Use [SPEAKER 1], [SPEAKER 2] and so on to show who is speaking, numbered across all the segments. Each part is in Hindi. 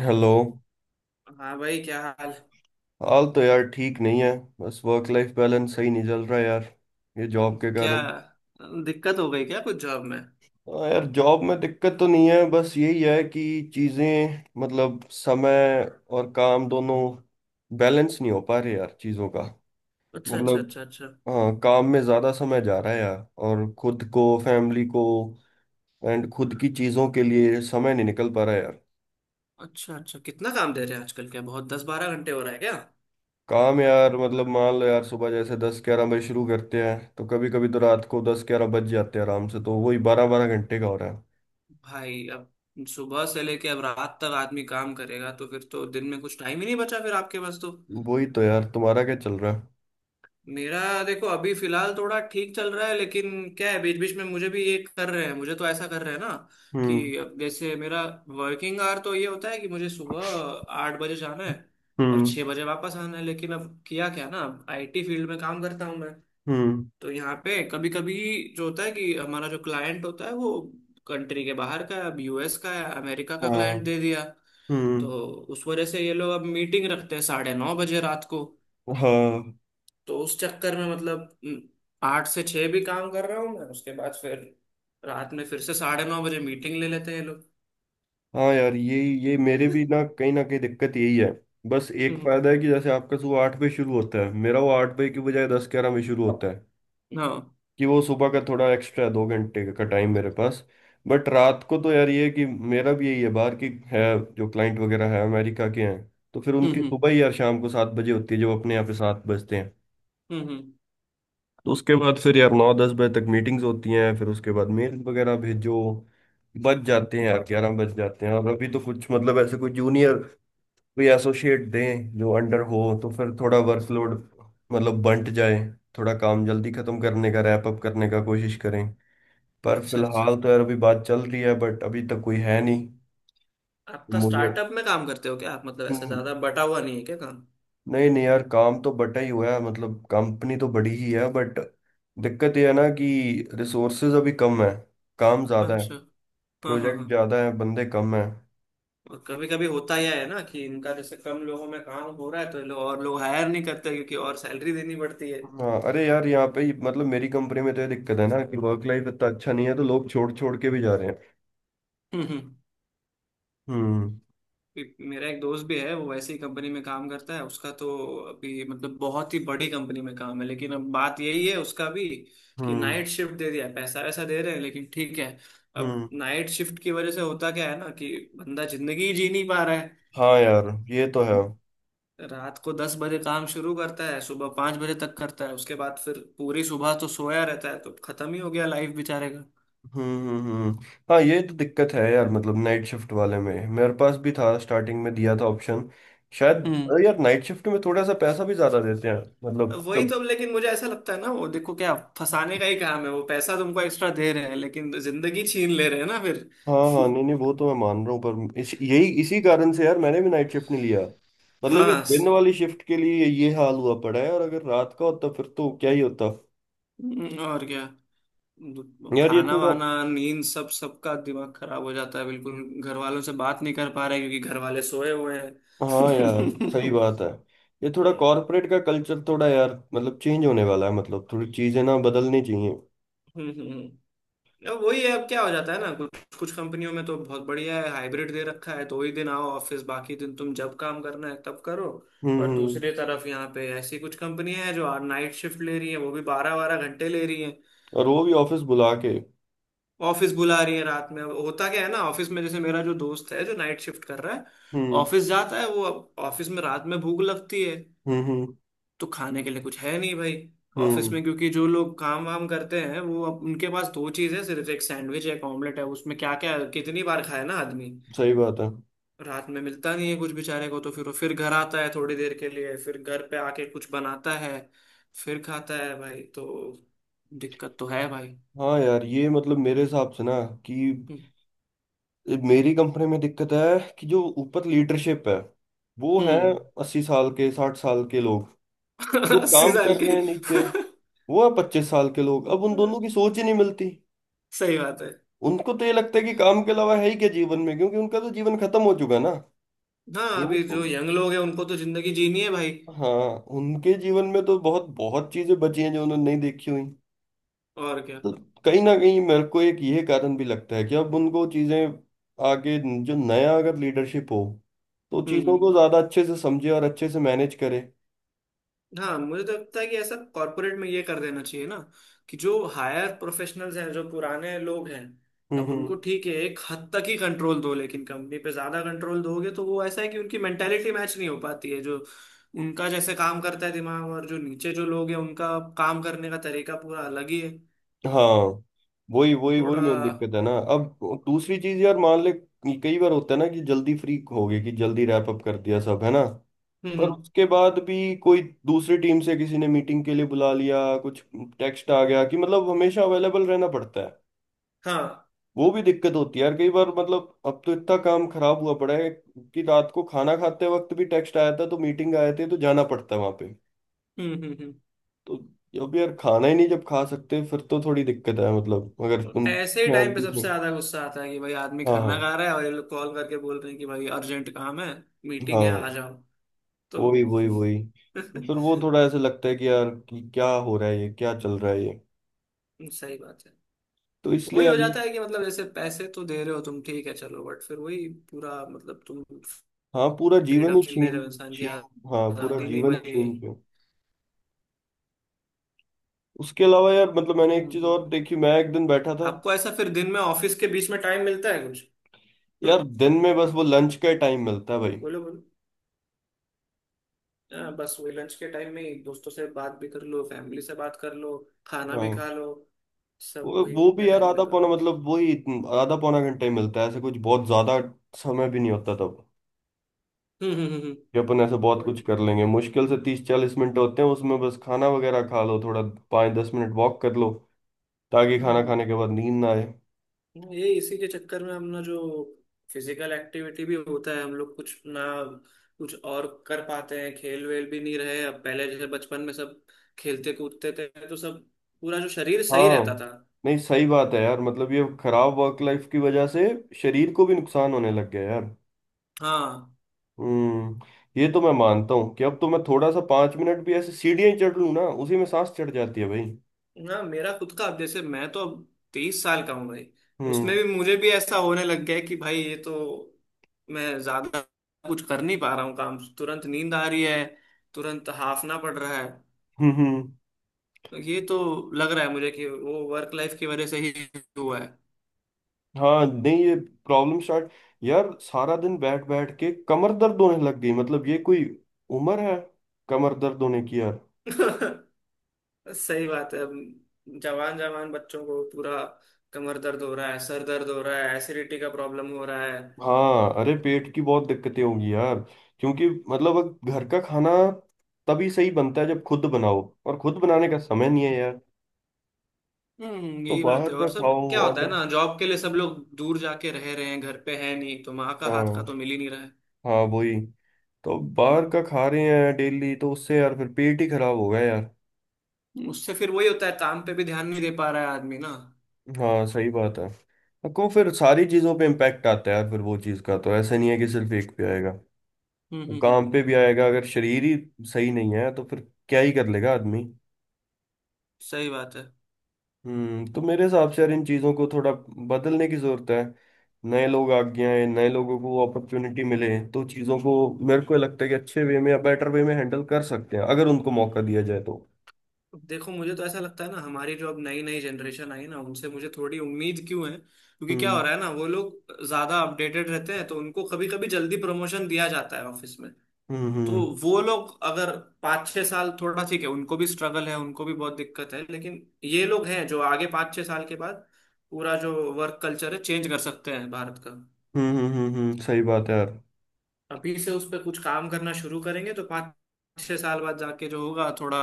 [SPEAKER 1] हेलो।
[SPEAKER 2] हाँ भाई, क्या हाल?
[SPEAKER 1] हाल तो यार ठीक नहीं है। बस वर्क लाइफ बैलेंस सही नहीं चल रहा यार। ये जॉब के
[SPEAKER 2] क्या
[SPEAKER 1] कारण।
[SPEAKER 2] दिक्कत हो गई क्या कुछ जॉब में?
[SPEAKER 1] हाँ यार, जॉब में दिक्कत तो नहीं है, बस यही है कि चीज़ें मतलब समय और काम दोनों बैलेंस नहीं हो पा रहे यार, चीज़ों का।
[SPEAKER 2] अच्छा अच्छा
[SPEAKER 1] मतलब
[SPEAKER 2] अच्छा अच्छा।
[SPEAKER 1] हाँ, काम में ज़्यादा समय जा रहा है यार, और खुद को फैमिली को एंड खुद की चीज़ों के लिए समय नहीं निकल पा रहा है यार।
[SPEAKER 2] अच्छा अच्छा, कितना काम दे रहे हैं आजकल? क्या बहुत 10 12 घंटे हो रहा है क्या?
[SPEAKER 1] काम यार मतलब मान लो यार, सुबह जैसे 10 11 बजे शुरू करते हैं तो कभी कभी तो रात को 10 11 बज जाते हैं आराम से, तो वही 12-12 घंटे का हो रहा है।
[SPEAKER 2] भाई, अब सुबह से लेके अब रात तक आदमी काम करेगा तो फिर तो दिन में कुछ टाइम ही नहीं बचा फिर आपके पास तो।
[SPEAKER 1] वही तो यार, तुम्हारा क्या चल रहा है?
[SPEAKER 2] मेरा देखो, अभी फिलहाल थोड़ा ठीक चल रहा है, लेकिन क्या है, बीच बीच में मुझे भी ये कर रहे हैं, मुझे तो ऐसा कर रहे हैं ना,
[SPEAKER 1] हम्म।
[SPEAKER 2] कि अब जैसे मेरा वर्किंग आवर तो ये होता है कि मुझे सुबह 8 बजे जाना है और
[SPEAKER 1] हम्म।
[SPEAKER 2] 6 बजे वापस आना है। लेकिन अब किया क्या ना, अब आईटी फील्ड में काम करता हूँ मैं,
[SPEAKER 1] हम्म।
[SPEAKER 2] तो यहाँ पे कभी कभी जो होता है कि हमारा जो क्लाइंट होता है वो कंट्री के बाहर का है। अब यूएस का है, अमेरिका का
[SPEAKER 1] हाँ।
[SPEAKER 2] क्लाइंट दे दिया, तो
[SPEAKER 1] हम्म।
[SPEAKER 2] उस वजह से ये लोग अब मीटिंग रखते हैं 9:30 बजे रात को।
[SPEAKER 1] हाँ,
[SPEAKER 2] तो उस चक्कर में मतलब 8 से 6 भी काम कर रहा हूँ मैं, उसके बाद फिर रात में फिर से 9:30 बजे मीटिंग ले लेते हैं ये लोग।
[SPEAKER 1] हाँ यार यही ये मेरे भी ना कहीं दिक्कत यही है। बस एक
[SPEAKER 2] हम्म।
[SPEAKER 1] फायदा है कि जैसे आपका सुबह 8 बजे शुरू होता है, मेरा वो 8 बजे की बजाय 10 11 बजे शुरू होता है।
[SPEAKER 2] हाँ।
[SPEAKER 1] कि वो सुबह का थोड़ा एक्स्ट्रा 2 घंटे का टाइम मेरे पास। बट रात को तो यार ये है कि मेरा भी यही है, बाहर की है जो क्लाइंट वगैरह है, अमेरिका के हैं। तो फिर उनकी सुबह
[SPEAKER 2] हम्म।
[SPEAKER 1] ही यार शाम को 7 बजे होती है, जो अपने यहाँ पे 7 बजते हैं।
[SPEAKER 2] हम्म हम्म।
[SPEAKER 1] तो उसके बाद फिर यार 9 10 बजे तक मीटिंग्स होती हैं, फिर उसके बाद मेल वगैरह भेजो, बज जाते हैं यार 11 बज जाते हैं। और अभी तो कुछ मतलब ऐसे कोई जूनियर, कोई एसोसिएट दें जो अंडर हो तो फिर थोड़ा वर्कलोड मतलब बंट जाए, थोड़ा काम जल्दी खत्म करने का रैप अप करने का कोशिश करें। पर
[SPEAKER 2] अच्छा अच्छा,
[SPEAKER 1] फिलहाल तो यार अभी बात चल रही है बट अभी तक कोई है नहीं।
[SPEAKER 2] आपका
[SPEAKER 1] मुझे
[SPEAKER 2] स्टार्टअप में काम करते हो क्या आप? मतलब ऐसा
[SPEAKER 1] हम्म,
[SPEAKER 2] ज्यादा बटा हुआ नहीं है क्या काम?
[SPEAKER 1] नहीं नहीं यार, काम तो बटा ही हुआ है, मतलब कंपनी तो बड़ी ही है बट दिक्कत ये है ना कि रिसोर्सेज अभी कम है, काम ज़्यादा है,
[SPEAKER 2] अच्छा। हाँ हाँ
[SPEAKER 1] प्रोजेक्ट
[SPEAKER 2] हाँ।
[SPEAKER 1] ज़्यादा है, बंदे कम है।
[SPEAKER 2] और कभी कभी होता यह है ना कि इनका जैसे कम लोगों में काम हो रहा है तो ये लोग और लोग हायर नहीं करते, क्योंकि और सैलरी देनी पड़ती है।
[SPEAKER 1] हाँ अरे यार यहाँ पे मतलब मेरी कंपनी में तो ये दिक्कत है ना कि वर्क लाइफ इतना अच्छा नहीं है तो लोग छोड़ छोड़ के भी जा रहे हैं।
[SPEAKER 2] हम्म।
[SPEAKER 1] हम्म
[SPEAKER 2] मेरा एक दोस्त भी है, वो वैसे ही कंपनी में काम करता है, उसका तो अभी मतलब बहुत ही बड़ी कंपनी में काम है। लेकिन अब बात यही है उसका भी, कि
[SPEAKER 1] हम्म
[SPEAKER 2] नाइट शिफ्ट दे दिया है। पैसा वैसा दे रहे हैं लेकिन ठीक है, अब
[SPEAKER 1] हम्म।
[SPEAKER 2] नाइट शिफ्ट की वजह से होता क्या है ना कि बंदा जिंदगी ही जी नहीं पा रहा है।
[SPEAKER 1] हाँ यार ये तो है।
[SPEAKER 2] रात को 10 बजे काम शुरू करता है, सुबह 5 बजे तक करता है, उसके बाद फिर पूरी सुबह तो सोया रहता है, तो खत्म ही हो गया लाइफ बेचारे का।
[SPEAKER 1] हम्म हम्म हम्म। हाँ ये तो दिक्कत है यार, मतलब नाइट शिफ्ट वाले में मेरे पास भी था, स्टार्टिंग में दिया था ऑप्शन शायद।
[SPEAKER 2] हम्म।
[SPEAKER 1] अरे यार नाइट शिफ्ट में थोड़ा सा पैसा भी ज्यादा देते हैं, मतलब
[SPEAKER 2] वही
[SPEAKER 1] कम।
[SPEAKER 2] तो, लेकिन मुझे ऐसा लगता है ना, वो देखो क्या फंसाने का ही काम है, वो पैसा तुमको एक्स्ट्रा दे रहे हैं लेकिन जिंदगी छीन ले रहे हैं ना फिर।
[SPEAKER 1] हाँ हाँ, नहीं नहीं, वो तो मैं मान रहा हूँ। पर यही इसी कारण से यार मैंने भी नाइट शिफ्ट नहीं लिया। मतलब ये
[SPEAKER 2] हाँ,
[SPEAKER 1] दिन वाली शिफ्ट के लिए ये हाल हुआ पड़ा है, और अगर रात का होता फिर तो क्या ही होता।
[SPEAKER 2] और क्या।
[SPEAKER 1] यार ये
[SPEAKER 2] खाना
[SPEAKER 1] थोड़ा।
[SPEAKER 2] वाना नींद सब, सबका दिमाग खराब हो जाता है बिल्कुल। घर वालों से बात नहीं कर पा रहे क्योंकि घर वाले सोए हुए हैं।
[SPEAKER 1] हाँ यार सही
[SPEAKER 2] हम्म,
[SPEAKER 1] बात है। ये थोड़ा कॉर्पोरेट का कल्चर थोड़ा यार मतलब चेंज होने वाला है, मतलब थोड़ी चीजें ना बदलनी चाहिए।
[SPEAKER 2] हम्म। अब वही है, अब क्या हो जाता है ना, कुछ कुछ कंपनियों में तो बहुत बढ़िया है, हाइब्रिड दे रखा है, तो वही दिन आओ ऑफिस, बाकी दिन तुम जब काम करना है तब करो। और
[SPEAKER 1] हम्म।
[SPEAKER 2] दूसरी तरफ यहाँ पे ऐसी कुछ कंपनियां हैं जो नाइट शिफ्ट ले रही हैं, वो भी 12 12 घंटे ले रही हैं।
[SPEAKER 1] और वो भी ऑफिस बुला के।
[SPEAKER 2] ऑफिस बुला रही हैं रात में। अब होता क्या है ना, ऑफिस में जैसे मेरा जो दोस्त है जो नाइट शिफ्ट कर रहा है,
[SPEAKER 1] हम्म
[SPEAKER 2] ऑफिस जाता है वो, अब ऑफिस में रात में भूख लगती है
[SPEAKER 1] हम्म हम्म
[SPEAKER 2] तो खाने के लिए कुछ है नहीं भाई ऑफिस
[SPEAKER 1] हम्म।
[SPEAKER 2] में। क्योंकि जो लोग काम वाम करते हैं वो, अब उनके पास दो चीज़ है सिर्फ, एक सैंडविच है एक ऑमलेट है, उसमें क्या क्या कितनी बार खाए ना आदमी।
[SPEAKER 1] सही बात है।
[SPEAKER 2] रात में मिलता नहीं है कुछ बेचारे को, तो फिर वो फिर घर आता है थोड़ी देर के लिए, फिर घर पे आके कुछ बनाता है फिर खाता है भाई। तो दिक्कत तो है भाई।
[SPEAKER 1] हाँ यार ये मतलब मेरे हिसाब से ना कि मेरी कंपनी में दिक्कत है कि जो ऊपर लीडरशिप है, वो है
[SPEAKER 2] हम्म।
[SPEAKER 1] 80 साल के 60 साल के लोग। जो
[SPEAKER 2] अस्सी
[SPEAKER 1] काम
[SPEAKER 2] साल
[SPEAKER 1] कर
[SPEAKER 2] के।
[SPEAKER 1] रहे हैं नीचे, वो है 25 साल के लोग, अब उन दोनों की सोच ही नहीं मिलती।
[SPEAKER 2] सही बात है।
[SPEAKER 1] उनको तो ये लगता है कि काम के अलावा है ही क्या जीवन में, क्योंकि उनका तो जीवन खत्म हो चुका है ना।
[SPEAKER 2] हाँ,
[SPEAKER 1] वो
[SPEAKER 2] अभी
[SPEAKER 1] तो
[SPEAKER 2] जो यंग लोग हैं उनको तो जिंदगी जीनी है भाई।
[SPEAKER 1] हाँ उनके जीवन में तो बहुत बहुत चीजें बची हैं जो उन्होंने नहीं देखी हुई।
[SPEAKER 2] और क्या।
[SPEAKER 1] तो कहीं ना कहीं मेरे को एक ये कारण भी लगता है कि अब उनको चीजें आगे, जो नया अगर लीडरशिप हो तो चीजों को
[SPEAKER 2] हम्म।
[SPEAKER 1] ज्यादा अच्छे से समझे और अच्छे से मैनेज करे।
[SPEAKER 2] हाँ, मुझे तो लगता है कि ऐसा कॉर्पोरेट में ये कर देना चाहिए ना, कि जो हायर प्रोफेशनल्स हैं, जो पुराने लोग हैं,
[SPEAKER 1] हम्म
[SPEAKER 2] अब
[SPEAKER 1] हम्म।
[SPEAKER 2] उनको ठीक है एक हद तक ही कंट्रोल दो, लेकिन कंपनी पे ज्यादा कंट्रोल दोगे तो वो ऐसा है कि उनकी मेंटेलिटी मैच नहीं हो पाती है, जो उनका जैसे काम करता है दिमाग, और जो नीचे जो लोग हैं उनका काम करने का तरीका पूरा अलग ही है।
[SPEAKER 1] हाँ वही वही वही
[SPEAKER 2] थोड़ा।
[SPEAKER 1] मेन दिक्कत है ना अब। दूसरी चीज यार मान ले, कई बार होता है ना कि जल्दी फ्री हो गए कि जल्दी रैप अप कर दिया सब है ना, पर
[SPEAKER 2] हम्म।
[SPEAKER 1] उसके बाद भी कोई दूसरी टीम से किसी ने मीटिंग के लिए बुला लिया, कुछ टेक्स्ट आ गया, कि मतलब हमेशा अवेलेबल रहना पड़ता है।
[SPEAKER 2] हाँ।
[SPEAKER 1] वो भी दिक्कत होती है यार कई बार, मतलब अब तो इतना काम खराब हुआ पड़ा है कि रात को खाना खाते वक्त भी टेक्स्ट आया था तो मीटिंग आए थे तो जाना पड़ता है वहां पे।
[SPEAKER 2] हम्म।
[SPEAKER 1] तो अब यार खाना ही नहीं जब खा सकते फिर तो थोड़ी दिक्कत है, मतलब अगर
[SPEAKER 2] तो
[SPEAKER 1] तुम
[SPEAKER 2] ऐसे ही
[SPEAKER 1] ध्यान
[SPEAKER 2] टाइम पे
[SPEAKER 1] भी
[SPEAKER 2] सबसे
[SPEAKER 1] से।
[SPEAKER 2] ज्यादा गुस्सा आता है कि भाई आदमी
[SPEAKER 1] हाँ हाँ
[SPEAKER 2] खाना खा रहा है और ये लोग कॉल करके बोल रहे हैं कि भाई अर्जेंट काम है, मीटिंग है
[SPEAKER 1] हाँ
[SPEAKER 2] आ जाओ।
[SPEAKER 1] वही
[SPEAKER 2] तो
[SPEAKER 1] वही वही तो फिर वो थोड़ा ऐसे लगता है कि यार कि क्या हो रहा है ये, क्या चल रहा है ये।
[SPEAKER 2] सही बात है।
[SPEAKER 1] तो इसलिए
[SPEAKER 2] वही
[SPEAKER 1] यार।
[SPEAKER 2] हो जाता है कि मतलब जैसे पैसे तो दे रहे हो तुम ठीक है चलो, बट फिर वही पूरा मतलब तुम
[SPEAKER 1] हाँ पूरा जीवन
[SPEAKER 2] फ्रीडम
[SPEAKER 1] ही
[SPEAKER 2] छीन ले
[SPEAKER 1] छीन
[SPEAKER 2] रहे हो, इंसान की
[SPEAKER 1] छीन। हाँ पूरा
[SPEAKER 2] आजादी नहीं
[SPEAKER 1] जीवन ही
[SPEAKER 2] बची।
[SPEAKER 1] छीन पे। उसके अलावा यार मतलब मैंने एक चीज
[SPEAKER 2] हम्म।
[SPEAKER 1] और
[SPEAKER 2] हम्म।
[SPEAKER 1] देखी, मैं एक दिन बैठा था।
[SPEAKER 2] आपको ऐसा फिर दिन में ऑफिस के बीच में टाइम मिलता है कुछ? हाँ,
[SPEAKER 1] यार दिन में बस वो लंच का टाइम मिलता है भाई।
[SPEAKER 2] बोलो बोलो। हाँ, बस वही लंच के टाइम में ही दोस्तों से बात भी कर लो, फैमिली से बात कर लो, खाना भी
[SPEAKER 1] हाँ।
[SPEAKER 2] खा लो, सब
[SPEAKER 1] वो
[SPEAKER 2] वही
[SPEAKER 1] वो भी
[SPEAKER 2] उतने
[SPEAKER 1] यार
[SPEAKER 2] टाइम में
[SPEAKER 1] आधा
[SPEAKER 2] करो
[SPEAKER 1] पौना
[SPEAKER 2] बस।
[SPEAKER 1] मतलब वही आधा पौना घंटा ही मिलता है, ऐसे कुछ बहुत ज्यादा समय भी नहीं होता तब कि
[SPEAKER 2] हम्म।
[SPEAKER 1] अपन ऐसे बहुत कुछ
[SPEAKER 2] वही।
[SPEAKER 1] कर लेंगे, मुश्किल से 30 40 मिनट होते हैं उसमें, बस खाना वगैरह खा लो थोड़ा 5 10 मिनट वॉक कर लो ताकि खाना
[SPEAKER 2] हम्म।
[SPEAKER 1] खाने के बाद नींद ना आए।
[SPEAKER 2] ये इसी के चक्कर में हमने जो फिजिकल एक्टिविटी भी होता है, हम लोग कुछ ना कुछ और कर पाते हैं। खेल वेल भी नहीं रहे, अब पहले जैसे बचपन में सब खेलते कूदते थे, तो सब पूरा जो शरीर सही
[SPEAKER 1] हाँ
[SPEAKER 2] रहता था।
[SPEAKER 1] नहीं सही बात है यार, मतलब ये खराब वर्क लाइफ की वजह से शरीर को भी नुकसान होने लग गया है यार।
[SPEAKER 2] हाँ।
[SPEAKER 1] हम्म। ये तो मैं मानता हूँ कि अब तो मैं थोड़ा सा 5 मिनट भी ऐसे सीढ़ियां ही चढ़ लूँ ना उसी में सांस चढ़ जाती है भाई।
[SPEAKER 2] ना मेरा खुद का अब जैसे, मैं तो अब 23 साल का हूँ भाई, उसमें
[SPEAKER 1] हम्म
[SPEAKER 2] भी मुझे भी ऐसा होने लग गया है कि भाई ये तो, मैं ज्यादा कुछ कर नहीं पा रहा हूँ काम, तुरंत नींद आ रही है, तुरंत हाफना पड़ रहा है।
[SPEAKER 1] हम्म।
[SPEAKER 2] तो ये तो लग रहा है मुझे कि वो वर्क लाइफ की वजह से ही हुआ है।
[SPEAKER 1] हाँ नहीं ये प्रॉब्लम स्टार्ट, यार सारा दिन बैठ बैठ के कमर दर्द होने लग गई, मतलब ये कोई उम्र है कमर दर्द होने की यार।
[SPEAKER 2] सही बात है। अब जवान जवान बच्चों को पूरा कमर दर्द हो रहा है, सर दर्द हो रहा है, एसिडिटी का प्रॉब्लम हो रहा है।
[SPEAKER 1] हाँ अरे पेट की बहुत दिक्कतें होंगी यार, क्योंकि मतलब अब घर का खाना तभी सही बनता है जब खुद बनाओ और खुद बनाने का समय नहीं है यार,
[SPEAKER 2] हम्म,
[SPEAKER 1] तो
[SPEAKER 2] यही बात
[SPEAKER 1] बाहर
[SPEAKER 2] है।
[SPEAKER 1] का
[SPEAKER 2] और सब
[SPEAKER 1] खाओ
[SPEAKER 2] क्या होता है
[SPEAKER 1] ऑर्डर।
[SPEAKER 2] ना, जॉब के लिए सब लोग दूर जाके रह रहे हैं, घर पे है नहीं, तो माँ का
[SPEAKER 1] हाँ
[SPEAKER 2] हाथ का तो मिल ही नहीं रहा है।
[SPEAKER 1] हाँ वही, तो बाहर का खा रहे हैं डेली तो उससे यार फिर पेट ही खराब होगा यार।
[SPEAKER 2] उससे फिर वही होता है, काम पे भी ध्यान नहीं दे पा रहा है आदमी ना।
[SPEAKER 1] हाँ सही बात है। को फिर सारी चीज़ों पे इम्पैक्ट आता है यार, फिर वो चीज़ का तो ऐसा नहीं है कि सिर्फ एक पे आएगा, वो काम
[SPEAKER 2] हम्म।
[SPEAKER 1] पे भी आएगा, अगर शरीर ही सही नहीं है तो फिर क्या ही कर लेगा आदमी।
[SPEAKER 2] सही बात है।
[SPEAKER 1] तो मेरे हिसाब से यार इन चीज़ों को थोड़ा बदलने की ज़रूरत है, नए लोग आगे आए, नए लोगों को अपॉर्चुनिटी मिले तो चीज़ों को मेरे को लगता है कि अच्छे वे में या बेटर वे में हैंडल कर सकते हैं अगर उनको मौका दिया जाए तो।
[SPEAKER 2] देखो मुझे तो ऐसा लगता है ना, हमारी जो अब नई नई जनरेशन आई है ना, उनसे मुझे थोड़ी उम्मीद क्यों है, क्योंकि क्या हो
[SPEAKER 1] हम्म
[SPEAKER 2] रहा है ना, वो लोग ज्यादा अपडेटेड रहते हैं, तो उनको कभी कभी जल्दी प्रमोशन दिया जाता है ऑफिस में।
[SPEAKER 1] हम्म
[SPEAKER 2] तो
[SPEAKER 1] हम्म
[SPEAKER 2] वो लोग अगर 5 6 साल, थोड़ा ठीक है उनको भी स्ट्रगल है, उनको भी बहुत दिक्कत है, लेकिन ये लोग हैं जो आगे 5 6 साल के बाद पूरा जो वर्क कल्चर है चेंज कर सकते हैं भारत का।
[SPEAKER 1] सही बात है यार।
[SPEAKER 2] अभी से उस पर कुछ काम करना शुरू करेंगे तो 5 6 साल बाद जाके जो होगा, थोड़ा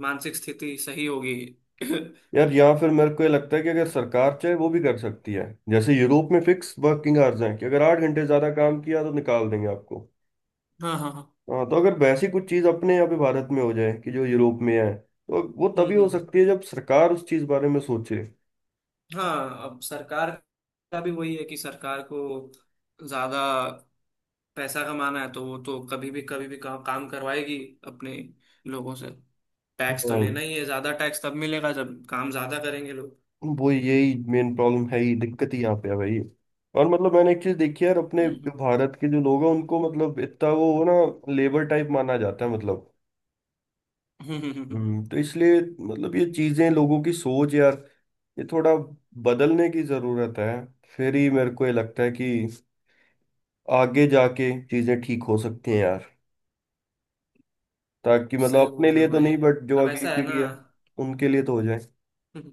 [SPEAKER 2] मानसिक स्थिति सही होगी।
[SPEAKER 1] यार यहाँ फिर मेरे को ये लगता है कि अगर सरकार चाहे वो भी कर सकती है, जैसे यूरोप में फिक्स वर्किंग आवर्स हैं कि अगर 8 घंटे ज्यादा काम किया तो निकाल देंगे आपको।
[SPEAKER 2] हाँ हाँ हाँ।
[SPEAKER 1] हाँ तो अगर वैसी कुछ चीज अपने यहाँ पे भारत में हो जाए कि जो यूरोप में है, तो वो तभी हो
[SPEAKER 2] हम्म।
[SPEAKER 1] सकती है जब सरकार उस चीज बारे में सोचे।
[SPEAKER 2] हाँ अब सरकार का भी वही है, कि सरकार को ज्यादा पैसा कमाना है तो वो तो कभी भी कभी भी काम करवाएगी अपने लोगों से। टैक्स तो
[SPEAKER 1] हाँ
[SPEAKER 2] लेना ही है, ज्यादा टैक्स तब मिलेगा जब काम ज्यादा करेंगे लोग।
[SPEAKER 1] वो यही मेन प्रॉब्लम है ही, दिक्कत ही यहाँ पे है भाई। और मतलब मैंने एक चीज देखी है यार, अपने जो
[SPEAKER 2] हम्म,
[SPEAKER 1] भारत के जो लोग हैं उनको मतलब इतना वो ना लेबर टाइप माना जाता है मतलब।
[SPEAKER 2] हम्म।
[SPEAKER 1] तो इसलिए मतलब ये चीजें लोगों की सोच यार ये थोड़ा बदलने की जरूरत है, फिर ही मेरे को ये लगता है कि आगे जाके चीजें ठीक हो सकती हैं यार, ताकि मतलब
[SPEAKER 2] सही बोल
[SPEAKER 1] अपने
[SPEAKER 2] रहे
[SPEAKER 1] लिए
[SPEAKER 2] हो
[SPEAKER 1] तो
[SPEAKER 2] भाई।
[SPEAKER 1] नहीं बट जो
[SPEAKER 2] अब
[SPEAKER 1] अगली
[SPEAKER 2] ऐसा है ना,
[SPEAKER 1] पीढ़ी है उनके लिए तो हो जाए।
[SPEAKER 2] हम्म,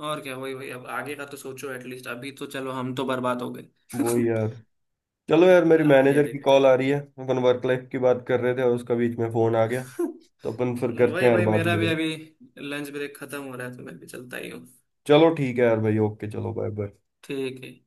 [SPEAKER 2] और क्या, वही वही, अब आगे का तो सोचो एटलीस्ट, अभी तो चलो हम तो बर्बाद हो गए।
[SPEAKER 1] वो ही यार, चलो यार मेरी
[SPEAKER 2] आगे
[SPEAKER 1] मैनेजर की
[SPEAKER 2] देखते
[SPEAKER 1] कॉल
[SPEAKER 2] हैं।
[SPEAKER 1] आ रही है, अपन वर्क लाइफ की बात कर रहे थे और उसका बीच में फोन आ गया। तो अपन फिर करते
[SPEAKER 2] वही
[SPEAKER 1] हैं यार
[SPEAKER 2] वही,
[SPEAKER 1] बाद
[SPEAKER 2] मेरा
[SPEAKER 1] में।
[SPEAKER 2] भी अभी लंच ब्रेक खत्म हो रहा है, तो मैं भी चलता ही हूँ।
[SPEAKER 1] चलो ठीक है यार भाई, ओके चलो, बाय बाय।
[SPEAKER 2] ठीक है।